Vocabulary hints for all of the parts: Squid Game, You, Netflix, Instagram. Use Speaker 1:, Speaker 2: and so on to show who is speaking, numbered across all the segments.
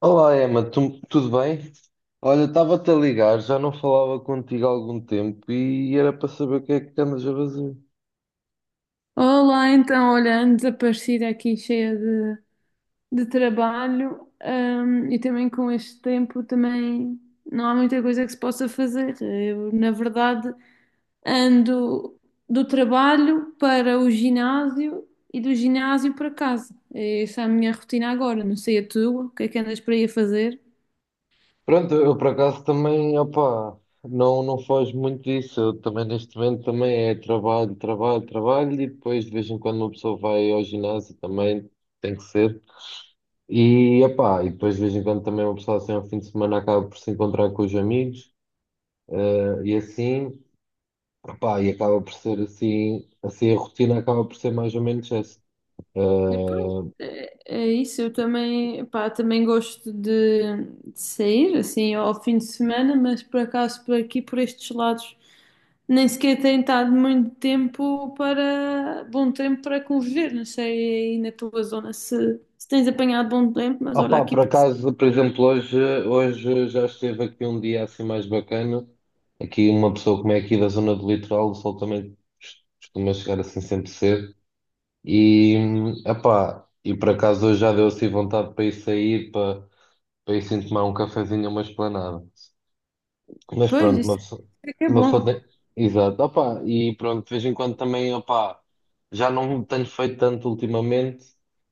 Speaker 1: Olá, Emma, tudo bem? Olha, estava-te a ligar, já não falava contigo há algum tempo e era para saber o que é que andas a fazer.
Speaker 2: Olá, então, olha, desaparecida aqui, cheia de trabalho, e também com este tempo também não há muita coisa que se possa fazer. Eu, na verdade, ando do trabalho para o ginásio e do ginásio para casa. Essa é a minha rotina agora, não sei a tua, o que é que andas para aí a fazer?
Speaker 1: Pronto, eu por acaso também, opá, não foge muito disso. Eu também neste momento também é trabalho, trabalho, trabalho e depois de vez em quando uma pessoa vai ao ginásio também, tem que ser. E opá, e depois de vez em quando também uma pessoa assim ao fim de semana acaba por se encontrar com os amigos e assim. Epá, e acaba por ser assim, assim a rotina acaba por ser mais ou menos essa.
Speaker 2: E pronto, é isso. Eu também, pá, também gosto de sair assim ao fim de semana, mas por acaso por aqui, por estes lados, nem sequer tenho estado muito tempo para bom tempo para conviver. Não sei aí na tua zona se tens apanhado bom tempo, mas
Speaker 1: Ah,
Speaker 2: olha
Speaker 1: opá,
Speaker 2: aqui
Speaker 1: por
Speaker 2: para
Speaker 1: acaso, por exemplo, hoje já esteve aqui um dia assim mais bacana. Aqui uma pessoa como é aqui da zona do litoral, o sol também costuma chegar assim sempre cedo. E, Epá, e por acaso hoje já deu assim vontade para ir sair, para ir assim tomar um cafezinho, uma esplanada. Mas
Speaker 2: pois
Speaker 1: pronto,
Speaker 2: isso é que é
Speaker 1: uma pessoa
Speaker 2: bom.
Speaker 1: tem. Exato, opá, e pronto, de vez em quando também, opá, já não tenho feito tanto ultimamente,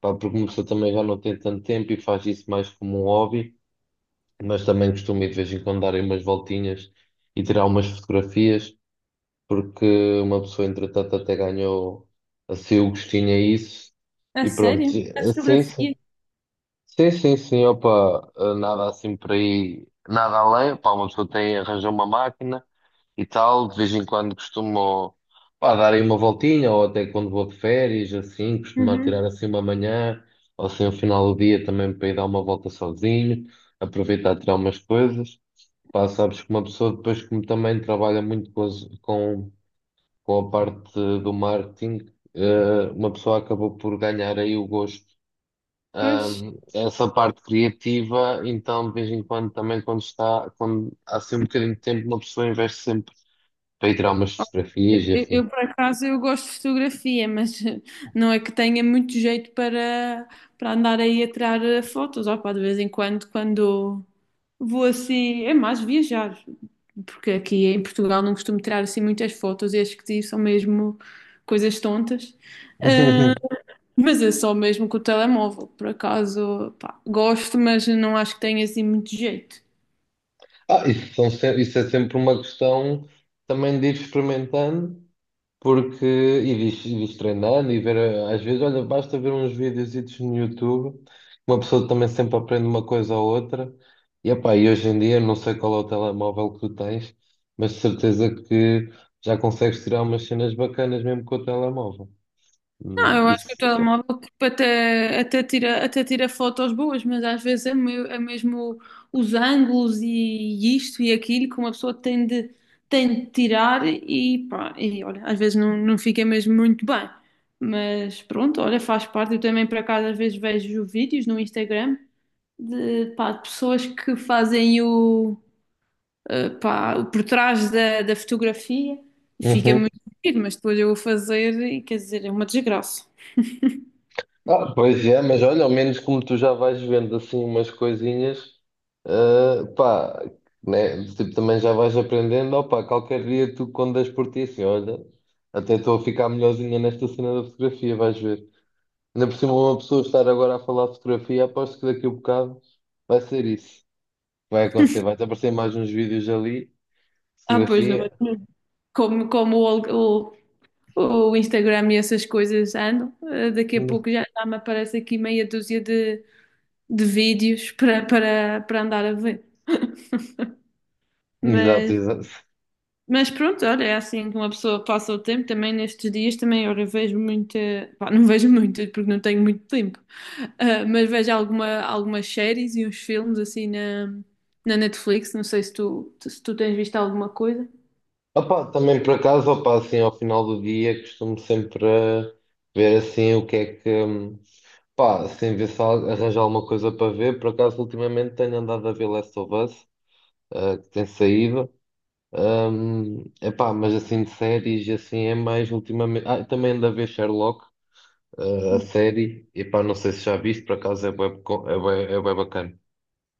Speaker 1: pá, porque uma pessoa também já não tem tanto tempo e faz isso mais como um hobby, mas também costumo ir de vez em quando dar aí umas voltinhas e tirar umas fotografias, porque uma pessoa, entretanto, até ganhou assim o gostinho a isso,
Speaker 2: A
Speaker 1: e pronto,
Speaker 2: sério? A
Speaker 1: assim, sim,
Speaker 2: fotografia?
Speaker 1: sim, opa opá, nada assim por aí, nada além, opa uma pessoa tem, arranjou uma máquina e tal. De vez em quando costumo, pá, dar aí uma voltinha, ou até quando vou de férias, assim, costumo tirar
Speaker 2: Uhum.
Speaker 1: assim uma manhã, ou assim, o final do dia também para ir dar uma volta sozinho, aproveitar tirar umas coisas. Pá, sabes que uma pessoa depois como também trabalha muito com com a parte do marketing, uma pessoa acabou por ganhar aí o gosto.
Speaker 2: Pois.
Speaker 1: Essa parte criativa, então de vez em quando também quando há assim um bocadinho de tempo, uma pessoa investe sempre para ir tirar umas
Speaker 2: Oh,
Speaker 1: fotografias e
Speaker 2: Eu,
Speaker 1: afim.
Speaker 2: eu, por acaso, eu gosto de fotografia, mas não é que tenha muito jeito para andar aí a tirar fotos. Opa, de vez em quando, quando vou assim, é mais viajar, porque aqui em Portugal não costumo tirar assim muitas fotos e as que tiro são mesmo coisas tontas. Mas é só mesmo com o telemóvel, por acaso, pá, gosto, mas não acho que tenha assim muito jeito.
Speaker 1: Ah, isso, são se- isso é sempre uma questão também de ir experimentando, porque e de treinando e ver, às vezes, olha, basta ver uns videozitos no YouTube, uma pessoa também sempre aprende uma coisa ou outra, epá, e hoje em dia, não sei qual é o telemóvel que tu tens, mas de certeza que já consegues tirar umas cenas bacanas mesmo com o telemóvel.
Speaker 2: Não, eu acho que o
Speaker 1: Isso.
Speaker 2: telemóvel tipo, até tira fotos boas, mas às vezes é, é mesmo os ângulos e isto e aquilo que uma pessoa tem de tirar e pá, e olha, às vezes não fica mesmo muito bem. Mas pronto, olha, faz parte. Eu também por acaso às vezes vejo vídeos no Instagram de, pá, de pessoas que fazem o por trás da fotografia e
Speaker 1: É.
Speaker 2: fica
Speaker 1: Uhum.
Speaker 2: muito bonito, mas depois eu vou fazer e quer dizer, é uma desgraça.
Speaker 1: Ah, pois é, mas olha, ao menos como tu já vais vendo assim umas coisinhas, ah, pá, né? Tipo, também já vais aprendendo, opá, qualquer dia tu quando das por ti assim, olha, até estou a ficar melhorzinha nesta cena da fotografia, vais ver. Ainda por cima uma pessoa estar agora a falar de fotografia, aposto que daqui a um bocado vai ser isso. Vai acontecer, vai-te aparecer mais uns vídeos ali,
Speaker 2: Ah, pois, não,
Speaker 1: fotografia.
Speaker 2: como o, o, Instagram e essas coisas andam, daqui a pouco já me aparece aqui meia dúzia de vídeos para andar a ver.
Speaker 1: Exato,
Speaker 2: Mas,
Speaker 1: exato.
Speaker 2: mas pronto, olha, é assim que uma pessoa passa o tempo também nestes dias, também, olha, vejo muita, pá, não vejo muitas porque não tenho muito tempo, mas vejo alguma, algumas séries e uns filmes assim na Netflix, não sei se tu tens visto alguma coisa.
Speaker 1: Opa, também por acaso, opa, assim, ao final do dia costumo sempre ver assim o que é que, pá, assim, ver se arranjo alguma coisa para ver. Por acaso, ultimamente tenho andado a ver Last of Us, que tem saído. Epá, mas assim de séries, assim é mais ultimamente. Ah, também ando a ver Sherlock, a série. Epá, não sei se já viste, por acaso é é bué bacana.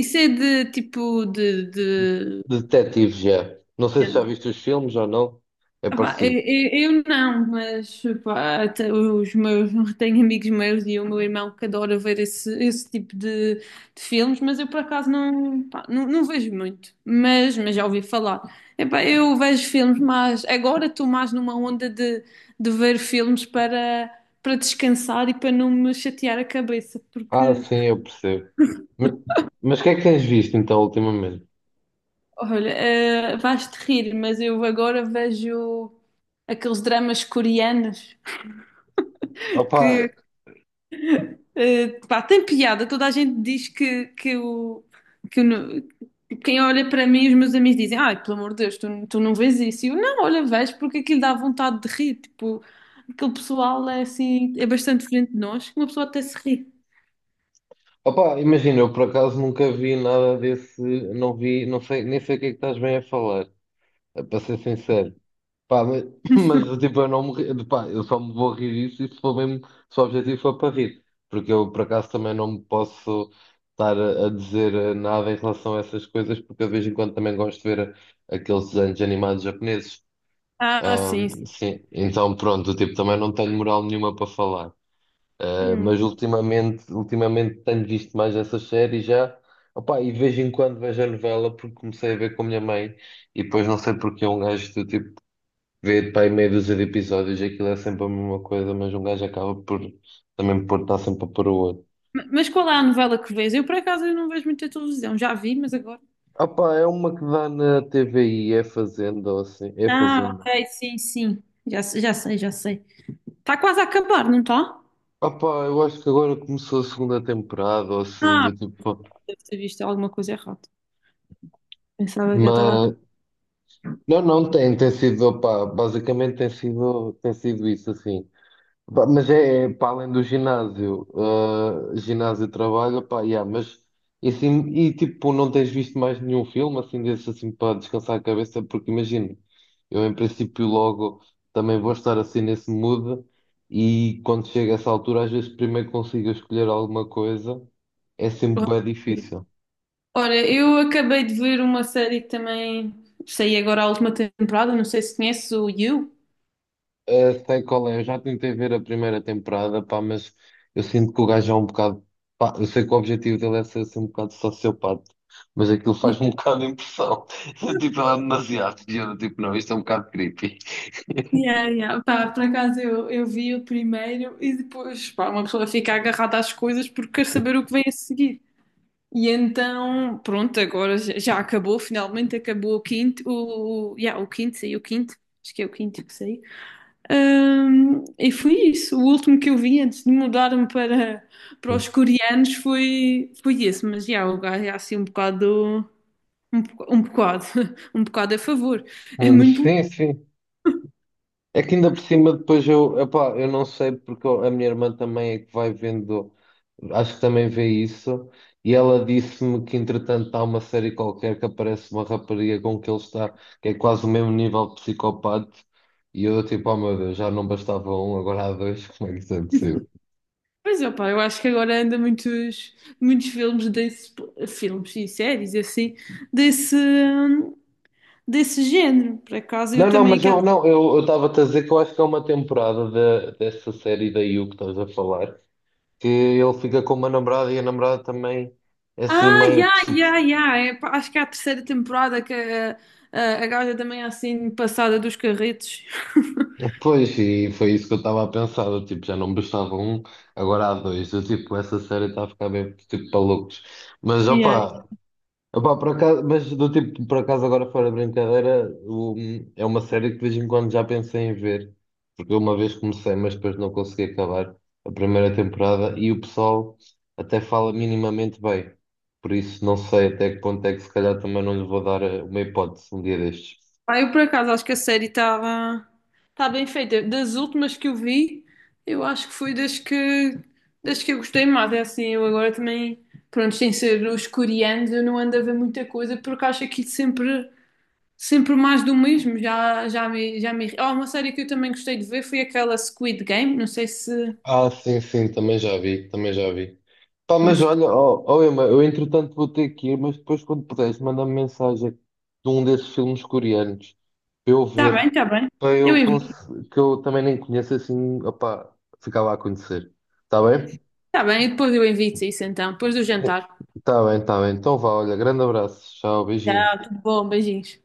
Speaker 2: Isso é de tipo de
Speaker 1: Detetives, já. Não sei se
Speaker 2: Yeah.
Speaker 1: já viste os filmes ou não, é
Speaker 2: Epá, eu,
Speaker 1: parecido.
Speaker 2: eu- eu não, mas epá, até os meus, tenho amigos meus e o meu irmão que adora ver esse tipo de filmes, mas eu por acaso não, pá, não vejo muito, mas já ouvi falar. Epá, eu vejo filmes, mas agora estou mais numa onda de ver filmes para descansar e para não me chatear a cabeça,
Speaker 1: Ah,
Speaker 2: porque,
Speaker 1: sim, eu percebo. Me- Mas o que é que tens visto então ultimamente?
Speaker 2: olha, vais-te rir, mas eu agora vejo aqueles dramas coreanos
Speaker 1: Opa,
Speaker 2: que pá, tem piada, toda a gente diz que o quem olha para mim, os meus amigos dizem, ai, pelo amor de Deus, tu não vês isso. E eu, não, olha, vejo, porque aquilo dá vontade de rir, tipo, aquele pessoal é assim, é bastante diferente de nós, que uma pessoa até se ri.
Speaker 1: opa, imagina, eu por acaso nunca vi nada desse, não vi, não sei, nem sei o que é que estás bem a falar, para ser sincero. Pá, mas, mas tipo, eu não me, ri- pá, eu só me vou rir disso e se for mesmo, se o objetivo for para rir, porque eu por acaso também não me posso estar a dizer nada em relação a essas coisas, porque eu de vez em quando também gosto de ver aqueles desenhos animados japoneses.
Speaker 2: Ah, sim, sim.
Speaker 1: Sim, então pronto, tipo, também não tenho moral nenhuma para falar. Ah,
Speaker 2: Hum.
Speaker 1: mas ultimamente tenho visto mais essas séries já. Opá, e de vez em quando vejo a novela porque comecei a ver com a minha mãe e depois não sei porque um gajo do tipo vê pá, aí meia dúzia de episódios, aquilo é sempre a mesma coisa, mas um gajo acaba por também por estar sempre a pôr o outro.
Speaker 2: Mas qual é a novela que vês? Eu, por acaso, eu não vejo muita televisão, já vi, mas agora...
Speaker 1: Opá, é uma que dá na TVI, é Fazenda ou assim, é
Speaker 2: Ah,
Speaker 1: Fazenda.
Speaker 2: ok, sim, sim, já, já sei, já sei. Está quase a acabar, não está?
Speaker 1: Opá, eu acho que agora começou a segunda temporada ou assim,
Speaker 2: Ah,
Speaker 1: do tipo.
Speaker 2: deve ter visto alguma coisa errada. Pensava que já estava
Speaker 1: mas Não, não tem, tem sido, opá, basicamente tem sido isso assim. Pá, mas é, é para além do ginásio, ah, ginásio trabalho, pá, yeah, mas e, assim, e tipo, não tens visto mais nenhum filme assim desse assim para descansar a cabeça, porque imagina, eu em princípio logo também vou estar assim nesse mood e quando chega essa altura, às vezes primeiro consigo escolher alguma coisa, é sempre bem difícil.
Speaker 2: ora, eu acabei de ver uma série que também saiu agora a última temporada, não sei se conheces o You.
Speaker 1: Ah, sei qual é, eu já tentei ver a primeira temporada, pá, mas eu sinto que o gajo é um bocado. Pá, eu sei que o objetivo dele é ser assim, um bocado sociopata, mas aquilo faz um bocado de impressão. Tipo, ela é demasiado. E eu, tipo, não, isto é um bocado creepy.
Speaker 2: Yeah, yeah. Pá, por acaso eu vi o primeiro e depois, pá, uma pessoa fica agarrada às coisas porque quer saber o que vem a seguir. E então, pronto, agora já acabou, finalmente acabou o quinto, o quinto, saiu o quinto, acho que é o quinto que saiu. E foi isso. O último que eu vi antes de mudar-me para os coreanos foi esse. Mas já, o gajo é assim um bocado, um, um bocado, um bocado a favor. É muito louco.
Speaker 1: Sim, sim. É que ainda por cima depois eu, epá, eu não sei a minha irmã também é que vai vendo. Acho que também vê isso. E ela disse-me que, entretanto, há uma série qualquer que aparece uma rapariga com que ele está, que é quase o mesmo nível de psicopata. E eu, tipo, oh meu Deus, já não bastava um, agora há dois, como é que isso é possível?
Speaker 2: Mas opá, eu acho que agora anda muitos, muitos filmes desse, filmes e séries assim, desse, desse género. Por acaso
Speaker 1: Não,
Speaker 2: eu
Speaker 1: não,
Speaker 2: também
Speaker 1: mas
Speaker 2: quero.
Speaker 1: eu não, eu estava-te a dizer que eu acho que é uma temporada da dessa série da You que estás a falar, que ele fica com uma namorada e a namorada também é assim
Speaker 2: Ah,
Speaker 1: meio.
Speaker 2: já. É, pá, acho que é a terceira temporada que a gaja também é assim passada dos carretos.
Speaker 1: Pois, e foi isso que eu estava a pensar. Eu, tipo, já não bastava um, agora há dois. Eu, tipo, essa série está a ficar bem tipo, para loucos. Mas
Speaker 2: E aí?
Speaker 1: opa, por acaso, mas do tipo, por acaso agora fora de brincadeira, é uma série que de vez em quando já pensei em ver. Porque eu uma vez comecei, mas depois não consegui acabar a primeira temporada e o pessoal até fala minimamente bem. Por isso não sei até que ponto é que se calhar também não lhe vou dar uma hipótese um dia destes.
Speaker 2: Ah, eu por acaso acho que a série estava tá bem feita. Das últimas que eu vi, eu acho que foi das que eu gostei mais. É assim, eu agora também, pronto, sem ser os coreanos, eu não ando a ver muita coisa porque acho aquilo sempre mais do mesmo. Já já me já me. Oh, uma série que eu também gostei de ver foi aquela Squid Game. Não sei se
Speaker 1: Ah, sim, sim, também já vi, também já vi. Pá, mas olha, ó, ó, Emma, eu entretanto vou ter que ir, mas depois quando puderes, manda-me mensagem de um desses filmes coreanos para eu
Speaker 2: está bem,
Speaker 1: ver,
Speaker 2: está bem.
Speaker 1: para
Speaker 2: Eu
Speaker 1: eu cons-
Speaker 2: envio.
Speaker 1: que eu também nem conheço assim, opá, ficar lá a conhecer. Está bem?
Speaker 2: Está bem, e depois eu envio-te isso então, depois do jantar.
Speaker 1: Está bem, está bem. Então vá, olha, grande abraço, tchau, beijinho.
Speaker 2: Tchau, tudo bom, beijinhos.